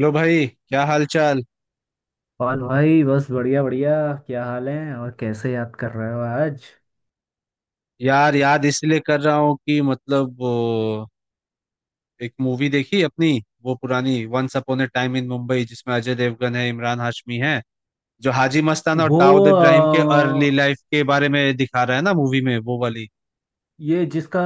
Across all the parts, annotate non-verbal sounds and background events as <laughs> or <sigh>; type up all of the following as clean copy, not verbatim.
लो भाई, क्या हाल चाल। और भाई बस बढ़िया बढ़िया। क्या हाल है और कैसे याद कर रहे हो आज? यार, याद इसलिए कर रहा हूँ कि मतलब वो एक मूवी देखी अपनी। वो पुरानी once upon a time in Mumbai, जिसमें अजय देवगन है, इमरान हाशमी है। जो हाजी मस्तान और वो दाऊद अ, इब्राहिम के अर्ली लाइफ के बारे में दिखा रहा है ना मूवी में, वो वाली। ये जिसका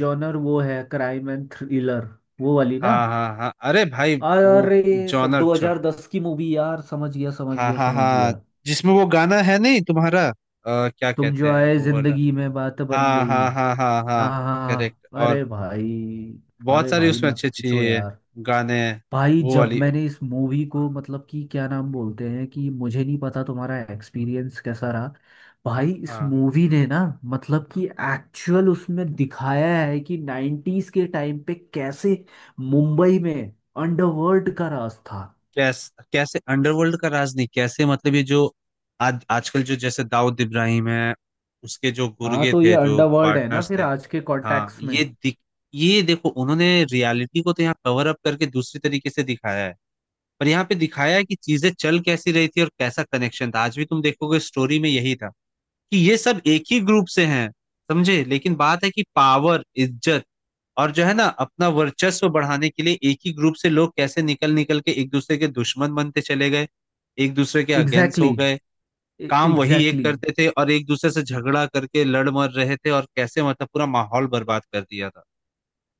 जॉनर वो है, क्राइम एंड थ्रिलर, वो वाली ना? हाँ हाँ हाँ, अरे भाई वो अरे सब जॉनर दो छ। हजार दस की मूवी यार, समझ गया समझ हाँ गया हाँ समझ हाँ, गया। जिसमें वो गाना है नहीं तुम्हारा क्या तुम कहते जो हैं आए वो वाला। जिंदगी में बात बन हाँ गई। हाँ हाँ हाँ हाँ हाँ, हाँ करेक्ट। हाँ, और अरे भाई! बहुत अरे सारे भाई उसमें मत अच्छे अच्छे पूछो ये यार। गाने हैं। भाई वो जब वाली। मैंने इस मूवी को, मतलब कि क्या नाम बोलते हैं, कि मुझे नहीं पता तुम्हारा एक्सपीरियंस कैसा रहा। भाई इस हाँ, मूवी ने ना, मतलब कि एक्चुअल उसमें दिखाया है कि 90s के टाइम पे कैसे मुंबई में अंडरवर्ल्ड का राज था। कैसे कैसे अंडरवर्ल्ड का राज नहीं, कैसे मतलब ये जो आज आजकल जो जैसे दाऊद इब्राहिम है, उसके जो हाँ गुर्गे तो ये थे, जो अंडरवर्ल्ड है ना पार्टनर्स फिर थे। आज के हाँ, कॉन्टेक्स्ट में। ये देखो उन्होंने रियलिटी को तो यहाँ कवर अप करके दूसरी तरीके से दिखाया है। पर यहाँ पे दिखाया है कि चीजें चल कैसी रही थी और कैसा कनेक्शन था। आज भी तुम देखोगे स्टोरी में यही था कि ये सब एक ही ग्रुप से हैं। समझे, लेकिन बात है कि पावर, इज्जत और जो है ना अपना वर्चस्व बढ़ाने के लिए एक ही ग्रुप से लोग कैसे निकल निकल के एक दूसरे के दुश्मन बनते चले गए, एक दूसरे के अगेंस्ट हो एग्जैक्टली। गए। काम वही एक एग्जैक्टली। करते थे और एक दूसरे से झगड़ा करके लड़ मर रहे थे, और कैसे मतलब पूरा माहौल बर्बाद कर दिया था।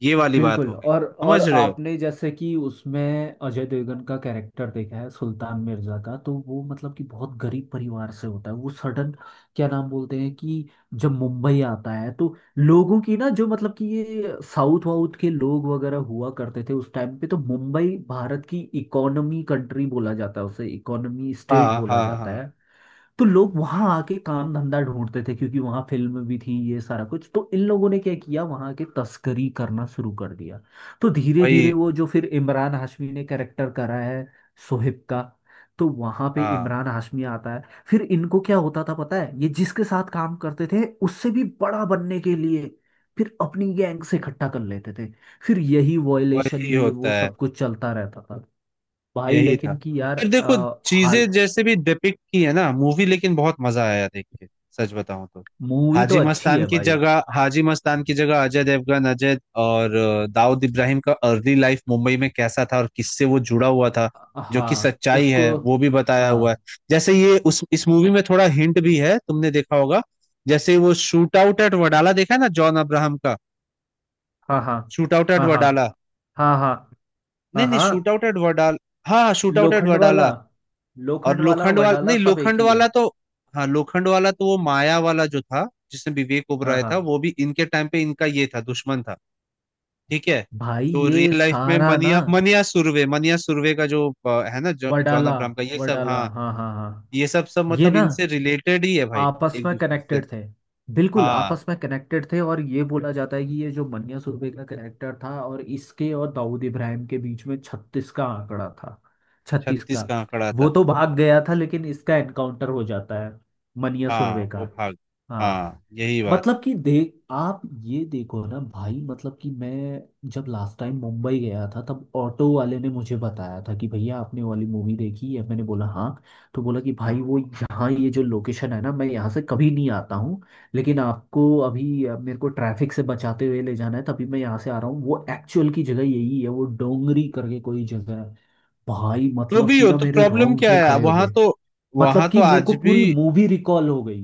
ये वाली बात बिल्कुल। हो गई, और समझ रहे हो। आपने जैसे कि उसमें अजय देवगन का कैरेक्टर देखा है, सुल्तान मिर्जा का, तो वो मतलब कि बहुत गरीब परिवार से होता है, वो सडन क्या नाम बोलते हैं कि जब मुंबई आता है तो लोगों की ना, जो मतलब कि ये साउथ वाउथ के लोग वगैरह हुआ करते थे उस टाइम पे, तो मुंबई भारत की इकोनॉमी कंट्री बोला जाता है, उसे इकोनॉमी स्टेट हाँ बोला हाँ जाता हाँ, है। तो लोग वहां आके काम धंधा ढूंढते थे क्योंकि वहां फिल्म भी थी, ये सारा कुछ। तो इन लोगों ने क्या किया, वहां के तस्करी करना शुरू कर दिया। तो धीरे वही। धीरे वो जो फिर इमरान हाशमी ने कैरेक्टर करा है, सोहिब का, तो वहां पे हाँ इमरान हाशमी आता है। फिर इनको क्या होता था पता है, ये जिसके साथ काम करते थे उससे भी बड़ा बनने के लिए फिर अपनी गैंग से इकट्ठा कर लेते थे। फिर यही वायलेशन, वही ये होता वो है, सब कुछ चलता रहता था। भाई यही था। लेकिन कि यार पर देखो, हाल। चीजें जैसे भी डिपिक्ट की है ना मूवी, लेकिन बहुत मजा आया देख के, सच बताऊं तो। मूवी तो हाजी अच्छी मस्तान है की भाई। जगह हाजी मस्तान की जगह अजय देवगन, अजय और दाऊद इब्राहिम का अर्ली लाइफ मुंबई में कैसा था और किससे वो जुड़ा हुआ था, जो कि हाँ सच्चाई उसको। है, वो भी बताया हुआ है। हाँ जैसे ये उस इस मूवी में थोड़ा हिंट भी है, तुमने देखा होगा। जैसे वो शूट आउट एट वडाला देखा है ना, जॉन अब्राहम का। हाँ हाँ शूट आउट एट हाँ हाँ वडाला। हाँ हाँ नहीं हाँ नहीं, हाँ। Shootout at Wadala. हाँ, shootout at Lokhandwala, Wadala. और लोखंड वाला, लोखंड वाला वडाला, नहीं, सब एक लोखंड ही है। वाला तो हाँ लोखंड वाला तो वो माया वाला जो था जिसमें विवेक हाँ ओबराय हाँ। था, वो भी इनके टाइम पे इनका ये था, दुश्मन था। ठीक है। भाई तो ये रियल लाइफ में सारा ना, मनिया मनिया सुर्वे का जो है ना, जॉन वडाला, अब्राहम का ये सब। वडाला, हाँ, हाँ हाँ हाँ। ये सब सब ये मतलब ना इनसे रिलेटेड ही है भाई, आपस एक में दूसरे से। कनेक्टेड थे। बिल्कुल हाँ, आपस में कनेक्टेड थे। और ये बोला जाता है कि ये जो मन्या सुरभि का करेक्टर था, और इसके और दाऊद इब्राहिम के बीच में छत्तीस का आंकड़ा था। छत्तीस 36 का। का आंकड़ा वो था। तो भाग गया था, लेकिन इसका एनकाउंटर हो जाता है, मन्या हाँ सुरभि वो का। भाग। हाँ। हाँ यही बात है। मतलब कि देख आप ये देखो ना भाई, मतलब कि मैं जब लास्ट टाइम मुंबई गया था तब ऑटो वाले ने मुझे बताया था कि भैया आपने वाली मूवी देखी है, मैंने बोला हाँ। तो बोला कि भाई वो यहाँ ये जो लोकेशन है ना, मैं यहाँ से कभी नहीं आता हूँ, लेकिन आपको अभी मेरे को ट्रैफिक से बचाते हुए ले जाना है, तभी मैं यहाँ से आ रहा हूँ। वो एक्चुअल की जगह यही है, वो डोंगरी करके कोई जगह है। भाई तो मतलब भी कि हो ना तो मेरे प्रॉब्लम क्या रोंगटे है खड़े हो वहां गए। तो वहां मतलब तो कि मेरे आज को भी। पूरी मूवी रिकॉल हो गई।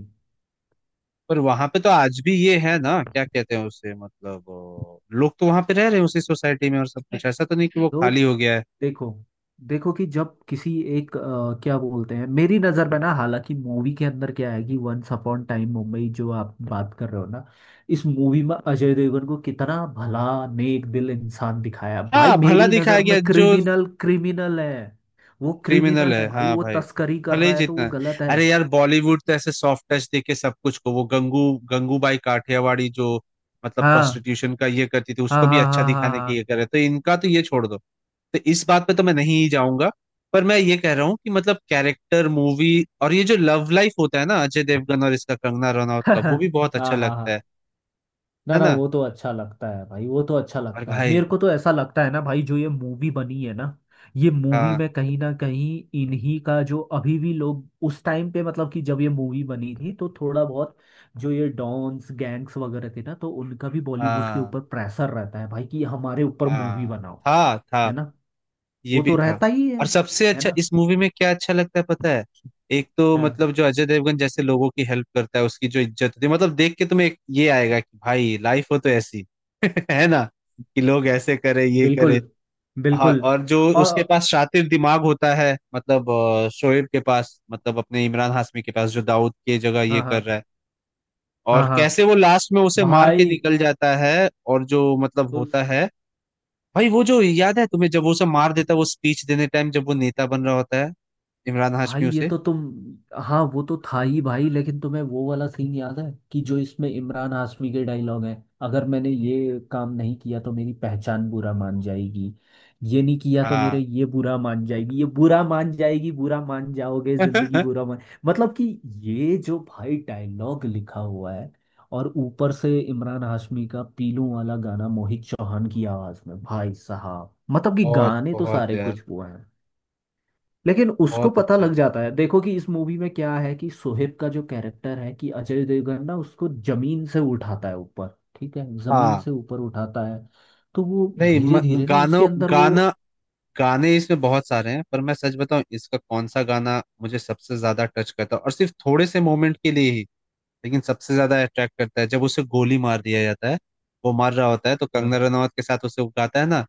पर वहां पे तो आज भी ये है ना, क्या कहते हैं उसे, मतलब लोग तो वहां पे रह रहे हैं उसी सोसाइटी में, और सब कुछ ऐसा तो नहीं कि वो तो खाली हो गया है। देखो, देखो कि जब किसी एक क्या बोलते हैं, मेरी नज़र में ना, हालांकि मूवी के अंदर क्या है कि वंस अपॉन टाइम मुंबई जो आप बात कर रहे हो ना, इस मूवी में अजय देवगन को कितना भला, नेक दिल इंसान दिखाया। भाई हाँ भला मेरी दिखाया नज़र में गया जो। क्रिमिनल क्रिमिनल है। वो क्रिमिनल क्रिमिनल है, है भाई, हाँ वो भाई, तस्करी कर भले ही रहा है तो जितना वो है। गलत है। अरे यार बॉलीवुड तो ऐसे सॉफ्ट टच देके सब कुछ को, वो गंगूबाई काठियावाड़ी जो मतलब हाँ प्रोस्टिट्यूशन का ये करती थी, हाँ उसको भी हाँ अच्छा हाँ हाँ दिखाने की ये हाँ। करे, तो इनका तो ये छोड़ दो। तो इस बात पे तो मैं नहीं जाऊंगा। पर मैं ये कह रहा हूँ कि मतलब कैरेक्टर मूवी और ये जो लव लाइफ होता है ना अजय देवगन और इसका, कंगना रनौत का, वो भी <laughs> बहुत अच्छा हाँ हाँ लगता है। हाँ। ना है ना, ना। वो तो अच्छा लगता है भाई, वो तो अच्छा और लगता है। भाई मेरे को तो ऐसा लगता है ना भाई, जो ये मूवी बनी है ना, ये मूवी हाँ में कहीं ना कहीं इन्हीं का जो अभी भी लोग, उस टाइम पे मतलब कि जब ये मूवी बनी थी, तो थोड़ा बहुत जो ये डॉन्स गैंग्स वगैरह थे ना, तो उनका भी बॉलीवुड के हाँ ऊपर प्रेशर रहता है भाई कि हमारे ऊपर हाँ, मूवी बनाओ। था है ना। ये वो भी तो था। रहता ही है। और सबसे है अच्छा ना। इस मूवी में क्या अच्छा लगता है पता है, एक तो हाँ, मतलब जो अजय देवगन जैसे लोगों की हेल्प करता है, उसकी जो इज्जत होती है, मतलब देख के तुम्हें एक ये आएगा कि भाई लाइफ हो तो ऐसी। <laughs> है ना, कि लोग ऐसे करे, ये करे। बिल्कुल। हाँ, बिल्कुल। और जो और उसके पास शातिर दिमाग होता है, मतलब शोएब के पास, मतलब अपने इमरान हाशमी के पास, जो दाऊद की जगह ये हाँ कर हाँ रहा है। हाँ और हाँ। कैसे वो लास्ट में उसे मार के भाई निकल जाता है और जो मतलब होता उस, है। भाई वो जो याद है तुम्हें, जब वो सब मार देता है, वो स्पीच देने टाइम, जब वो नेता बन रहा होता है, इमरान भाई हाशमी ये उसे। तो तुम, हाँ वो तो था ही भाई। लेकिन तुम्हें वो वाला सीन याद है कि जो इसमें इमरान हाशमी के डायलॉग है, अगर मैंने ये काम नहीं किया तो मेरी पहचान बुरा मान जाएगी, ये नहीं किया तो मेरे हाँ, ये बुरा मान जाएगी, ये बुरा मान जाएगी, बुरा मान जाओगे, जिंदगी <laughs> बुरा मान। मतलब कि ये जो भाई डायलॉग लिखा हुआ है, और ऊपर से इमरान हाशमी का पीलू वाला गाना मोहित चौहान की आवाज में, भाई साहब मतलब कि बहुत गाने तो बहुत सारे यार, कुछ वो हैं। लेकिन उसको बहुत पता अच्छा। लग जाता है। देखो कि इस मूवी में क्या है कि सोहेब का जो कैरेक्टर है, कि अजय देवगन ना उसको जमीन से उठाता है ऊपर। ठीक है, जमीन हाँ से ऊपर उठाता है। तो वो नहीं, म, धीरे धीरे ना उसके गानों अंदर वो। गाना गाने इसमें बहुत सारे हैं। पर मैं सच बताऊं, इसका कौन सा गाना मुझे सबसे ज्यादा टच करता है और सिर्फ थोड़े से मोमेंट के लिए ही, लेकिन सबसे ज्यादा अट्रैक्ट करता है, जब उसे गोली मार दिया जाता है। वो मार रहा होता है तो हाँ कंगना रनावत के साथ उसे वो गाता है ना,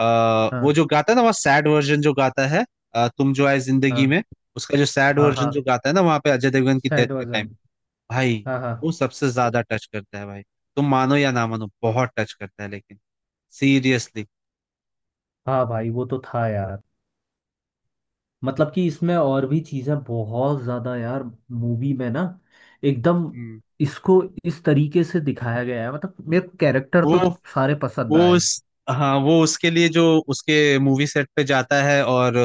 वो हाँ जो गाता है ना वहाँ, सैड वर्जन जो गाता है, तुम जो आए जिंदगी हाँ में। उसका जो सैड हाँ वर्जन हाँ। जो गाता है ना वहाँ पे, अजय देवगन की डेथ सैड के टाइम, वर्जन। भाई हाँ हाँ वो सबसे ज्यादा टच करता है भाई। तुम मानो या ना मानो, बहुत टच करता है, लेकिन सीरियसली। हाँ। भाई वो तो था यार। मतलब कि इसमें और भी चीजें बहुत ज्यादा यार, मूवी में ना, एकदम हम्म। इसको इस तरीके से दिखाया गया है, मतलब मेरे कैरेक्टर वो तो सारे पसंद वो आए। उस हाँ, वो उसके लिए जो उसके मूवी सेट पे जाता है, और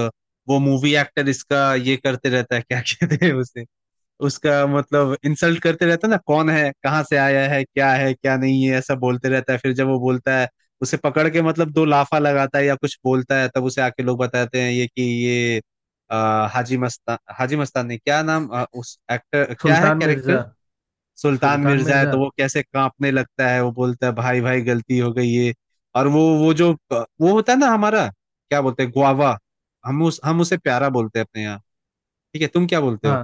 वो मूवी एक्टर इसका ये करते रहता है, क्या कहते हैं उसे, उसका मतलब इंसल्ट करते रहता है ना, कौन है, कहाँ से आया है, क्या है, क्या नहीं है, ऐसा बोलते रहता है। फिर जब वो बोलता है, उसे पकड़ के मतलब दो लाफा लगाता है या कुछ बोलता है, तब उसे आके लोग बताते हैं ये कि ये हाजी मस्तान, हाजी मस्तान ने क्या नाम उस एक्टर क्या है सुल्तान कैरेक्टर मिर्जा। सुल्तान सुल्तान मिर्जा है, मिर्जा। तो वो कैसे कांपने लगता है, वो बोलता है भाई भाई गलती हो गई ये। और वो जो वो होता है ना हमारा, क्या बोलते हैं, गुआवा। हम उसे प्यारा बोलते हैं अपने यहाँ, ठीक है। तुम क्या बोलते हो, हाँ।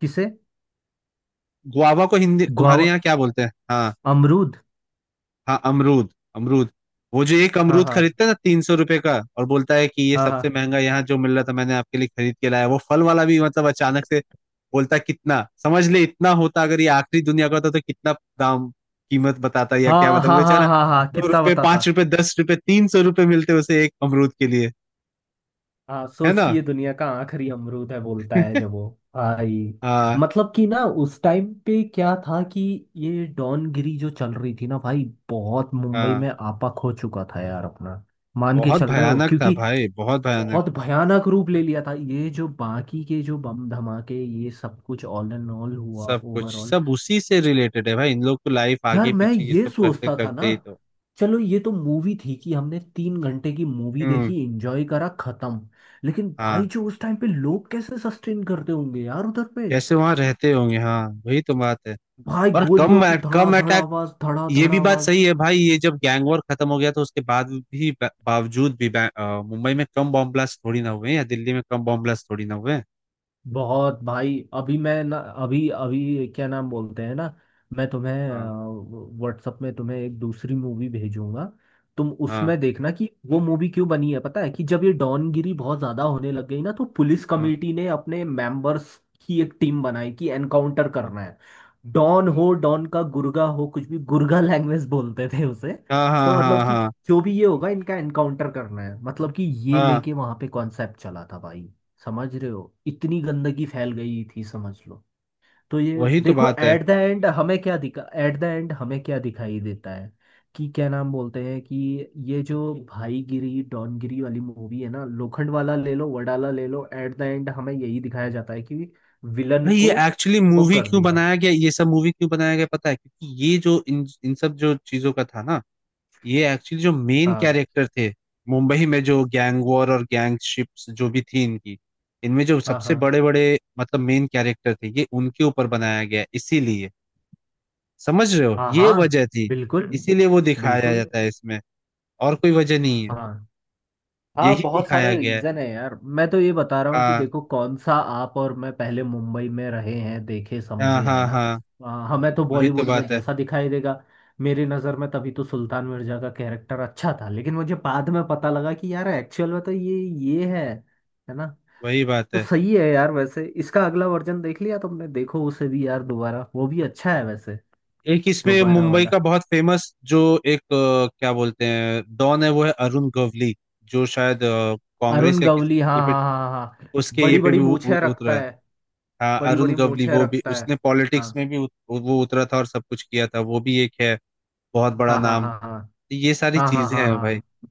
किसे? गुआवा को हिंदी गुआवा। तुम्हारे यहाँ क्या बोलते हैं। हाँ अमरूद। हाँ, अमरूद, अमरूद। वो जो एक हाँ अमरूद हाँ खरीदता है ना 300 रुपए का, और बोलता है कि ये हाँ सबसे हाँ महंगा यहाँ जो मिल रहा था, मैंने आपके लिए खरीद के लाया। वो फल वाला भी मतलब अचानक से बोलता है, कितना समझ ले, इतना होता अगर ये आखिरी दुनिया का होता तो कितना दाम, कीमत बताता, या क्या हाँ मतलब हाँ हाँ बेचारा। हाँ हाँ, दो कितना रुपए बताता। 5 रुपए, 10 रुपए, 300 रुपए मिलते उसे एक अमरूद के लिए। हाँ, है सोच ना। कि ये दुनिया का आखिरी अमरूद है, बोलता है <laughs> जब वो। भाई हाँ मतलब कि ना उस टाइम पे क्या था कि ये डॉनगिरी जो चल रही थी ना भाई, बहुत मुंबई में हाँ, आपा खो चुका था यार अपना। मान के बहुत चल रहे हो, भयानक था क्योंकि भाई, बहुत भयानक। बहुत भयानक रूप ले लिया था। ये जो बाकी के जो बम धमाके, ये सब कुछ ऑल एंड ऑल हुआ, सब कुछ ओवरऑल। सब उसी से रिलेटेड है भाई, इन लोग को लाइफ यार आगे मैं पीछे ये ये सब करते सोचता था ना, करते ही तो। चलो ये तो मूवी थी कि हमने तीन घंटे की मूवी हम्म। देखी, एंजॉय करा, खत्म। लेकिन भाई हाँ जो उस टाइम पे लोग कैसे सस्टेन करते होंगे यार उधर पे। कैसे वहां रहते होंगे, हाँ वही तो बात है। भाई और गोलियों कम की धड़ा कम धड़ अटैक, आवाज, धड़ा ये धड़ भी बात आवाज। सही है भाई। ये जब गैंग वॉर खत्म हो गया तो उसके बाद भी बावजूद भी मुंबई में कम बॉम्ब ब्लास्ट थोड़ी ना हुए, या दिल्ली में कम बॉम्ब ब्लास्ट थोड़ी ना हुए। बहुत भाई, अभी मैं ना, अभी अभी क्या नाम बोलते हैं ना, मैं तुम्हें हाँ व्हाट्सएप में तुम्हें एक दूसरी मूवी भेजूंगा। तुम हाँ उसमें देखना कि वो मूवी क्यों बनी है, पता है? कि जब ये डॉनगिरी बहुत ज्यादा होने लग गई ना, तो पुलिस हाँ कमेटी ने अपने मेंबर्स की एक टीम बनाई कि एनकाउंटर करना है। डॉन हो, डॉन का गुर्गा हो, कुछ भी, गुर्गा लैंग्वेज बोलते थे उसे। हाँ हाँ तो हाँ मतलब हाँ कि हाँ जो भी ये होगा इनका एनकाउंटर करना है, मतलब कि ये हाँ, लेके वहां पे कॉन्सेप्ट चला था भाई। समझ रहे हो, इतनी गंदगी फैल गई थी, समझ लो। तो ये वही तो देखो, बात है। एट द एंड हमें क्या दिखा, एट द एंड हमें क्या दिखाई देता है, कि क्या नाम बोलते हैं कि ये जो भाईगिरी डॉनगिरी वाली मूवी है ना, लोखंड वाला ले लो, वडाला ले लो, एट द एंड हमें यही दिखाया जाता है कि विलन भाई ये को एक्चुअली वो मूवी कर क्यों दिया। बनाया गया, ये सब मूवी क्यों बनाया गया, पता है, क्योंकि ये जो इन इन सब जो चीजों का था ना, ये एक्चुअली जो मेन हाँ कैरेक्टर थे, मुंबई में जो गैंग वॉर और गैंगशिप्स जो भी थी इनकी, इनमें जो हाँ सबसे हाँ बड़े बड़े, मतलब मेन कैरेक्टर थे ये, उनके ऊपर बनाया गया है, इसीलिए। समझ रहे हो, हाँ ये हाँ। वजह थी, बिल्कुल। इसीलिए वो दिखाया बिल्कुल। जाता है इसमें, और कोई वजह नहीं है। हाँ हाँ, यही बहुत दिखाया सारे गया है। रीजन है यार, मैं तो ये बता रहा हूँ कि हाँ देखो कौन सा, आप और मैं पहले मुंबई में रहे हैं, देखे हाँ समझे हैं हाँ ना। हाँ, हमें तो वही तो बॉलीवुड में बात है, जैसा दिखाई देगा। मेरी नज़र में तभी तो सुल्तान मिर्जा का कैरेक्टर अच्छा था, लेकिन मुझे बाद में पता लगा कि यार एक्चुअल में तो ये है। है ना। वही बात तो है। सही है यार। वैसे इसका अगला वर्जन देख लिया तुमने? देखो उसे भी यार, दोबारा, वो भी अच्छा है वैसे। एक इसमें दोबारा मुंबई वाला। का बहुत फेमस जो एक क्या बोलते हैं डॉन है, वो है अरुण गवली। जो शायद अरुण कांग्रेस या किसी गवली, हाँ हाँ हाँ हाँ। उसके ये बड़ी पे बड़ी भी मूछें रखता उतरा। है। हाँ बड़ी अरुण बड़ी गवली, मूछें वो भी रखता है। उसने हाँ पॉलिटिक्स में भी वो उतरा था और सब कुछ किया था, वो भी एक है, बहुत बड़ा हाँ हाँ नाम। हाँ हाँ तो ये सारी हाँ हाँ चीजें हाँ हैं भाई। हाँ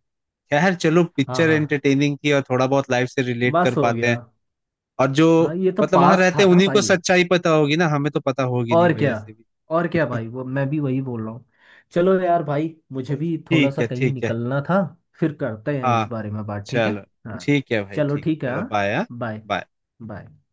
खैर चलो, हाँ पिक्चर हाँ, एंटरटेनिंग थी और थोड़ा बहुत लाइफ से रिलेट कर बस हो पाते गया। हैं। और जो हाँ ये तो मतलब वहां पास रहते था हैं ना उन्हीं को भाई। सच्चाई पता होगी ना, हमें तो पता होगी नहीं और भाई क्या, ऐसे भी। और क्या भाई, वो मैं भी वही बोल रहा हूँ। चलो यार भाई, मुझे भी थोड़ा ठीक सा है कहीं ठीक है। निकलना था, फिर करते हैं इस हाँ बारे में बात, ठीक है? चलो, हाँ। ठीक है भाई, चलो ठीक, ठीक है। चलो हाँ। बाय। हाँ बाय। बाय। बाय।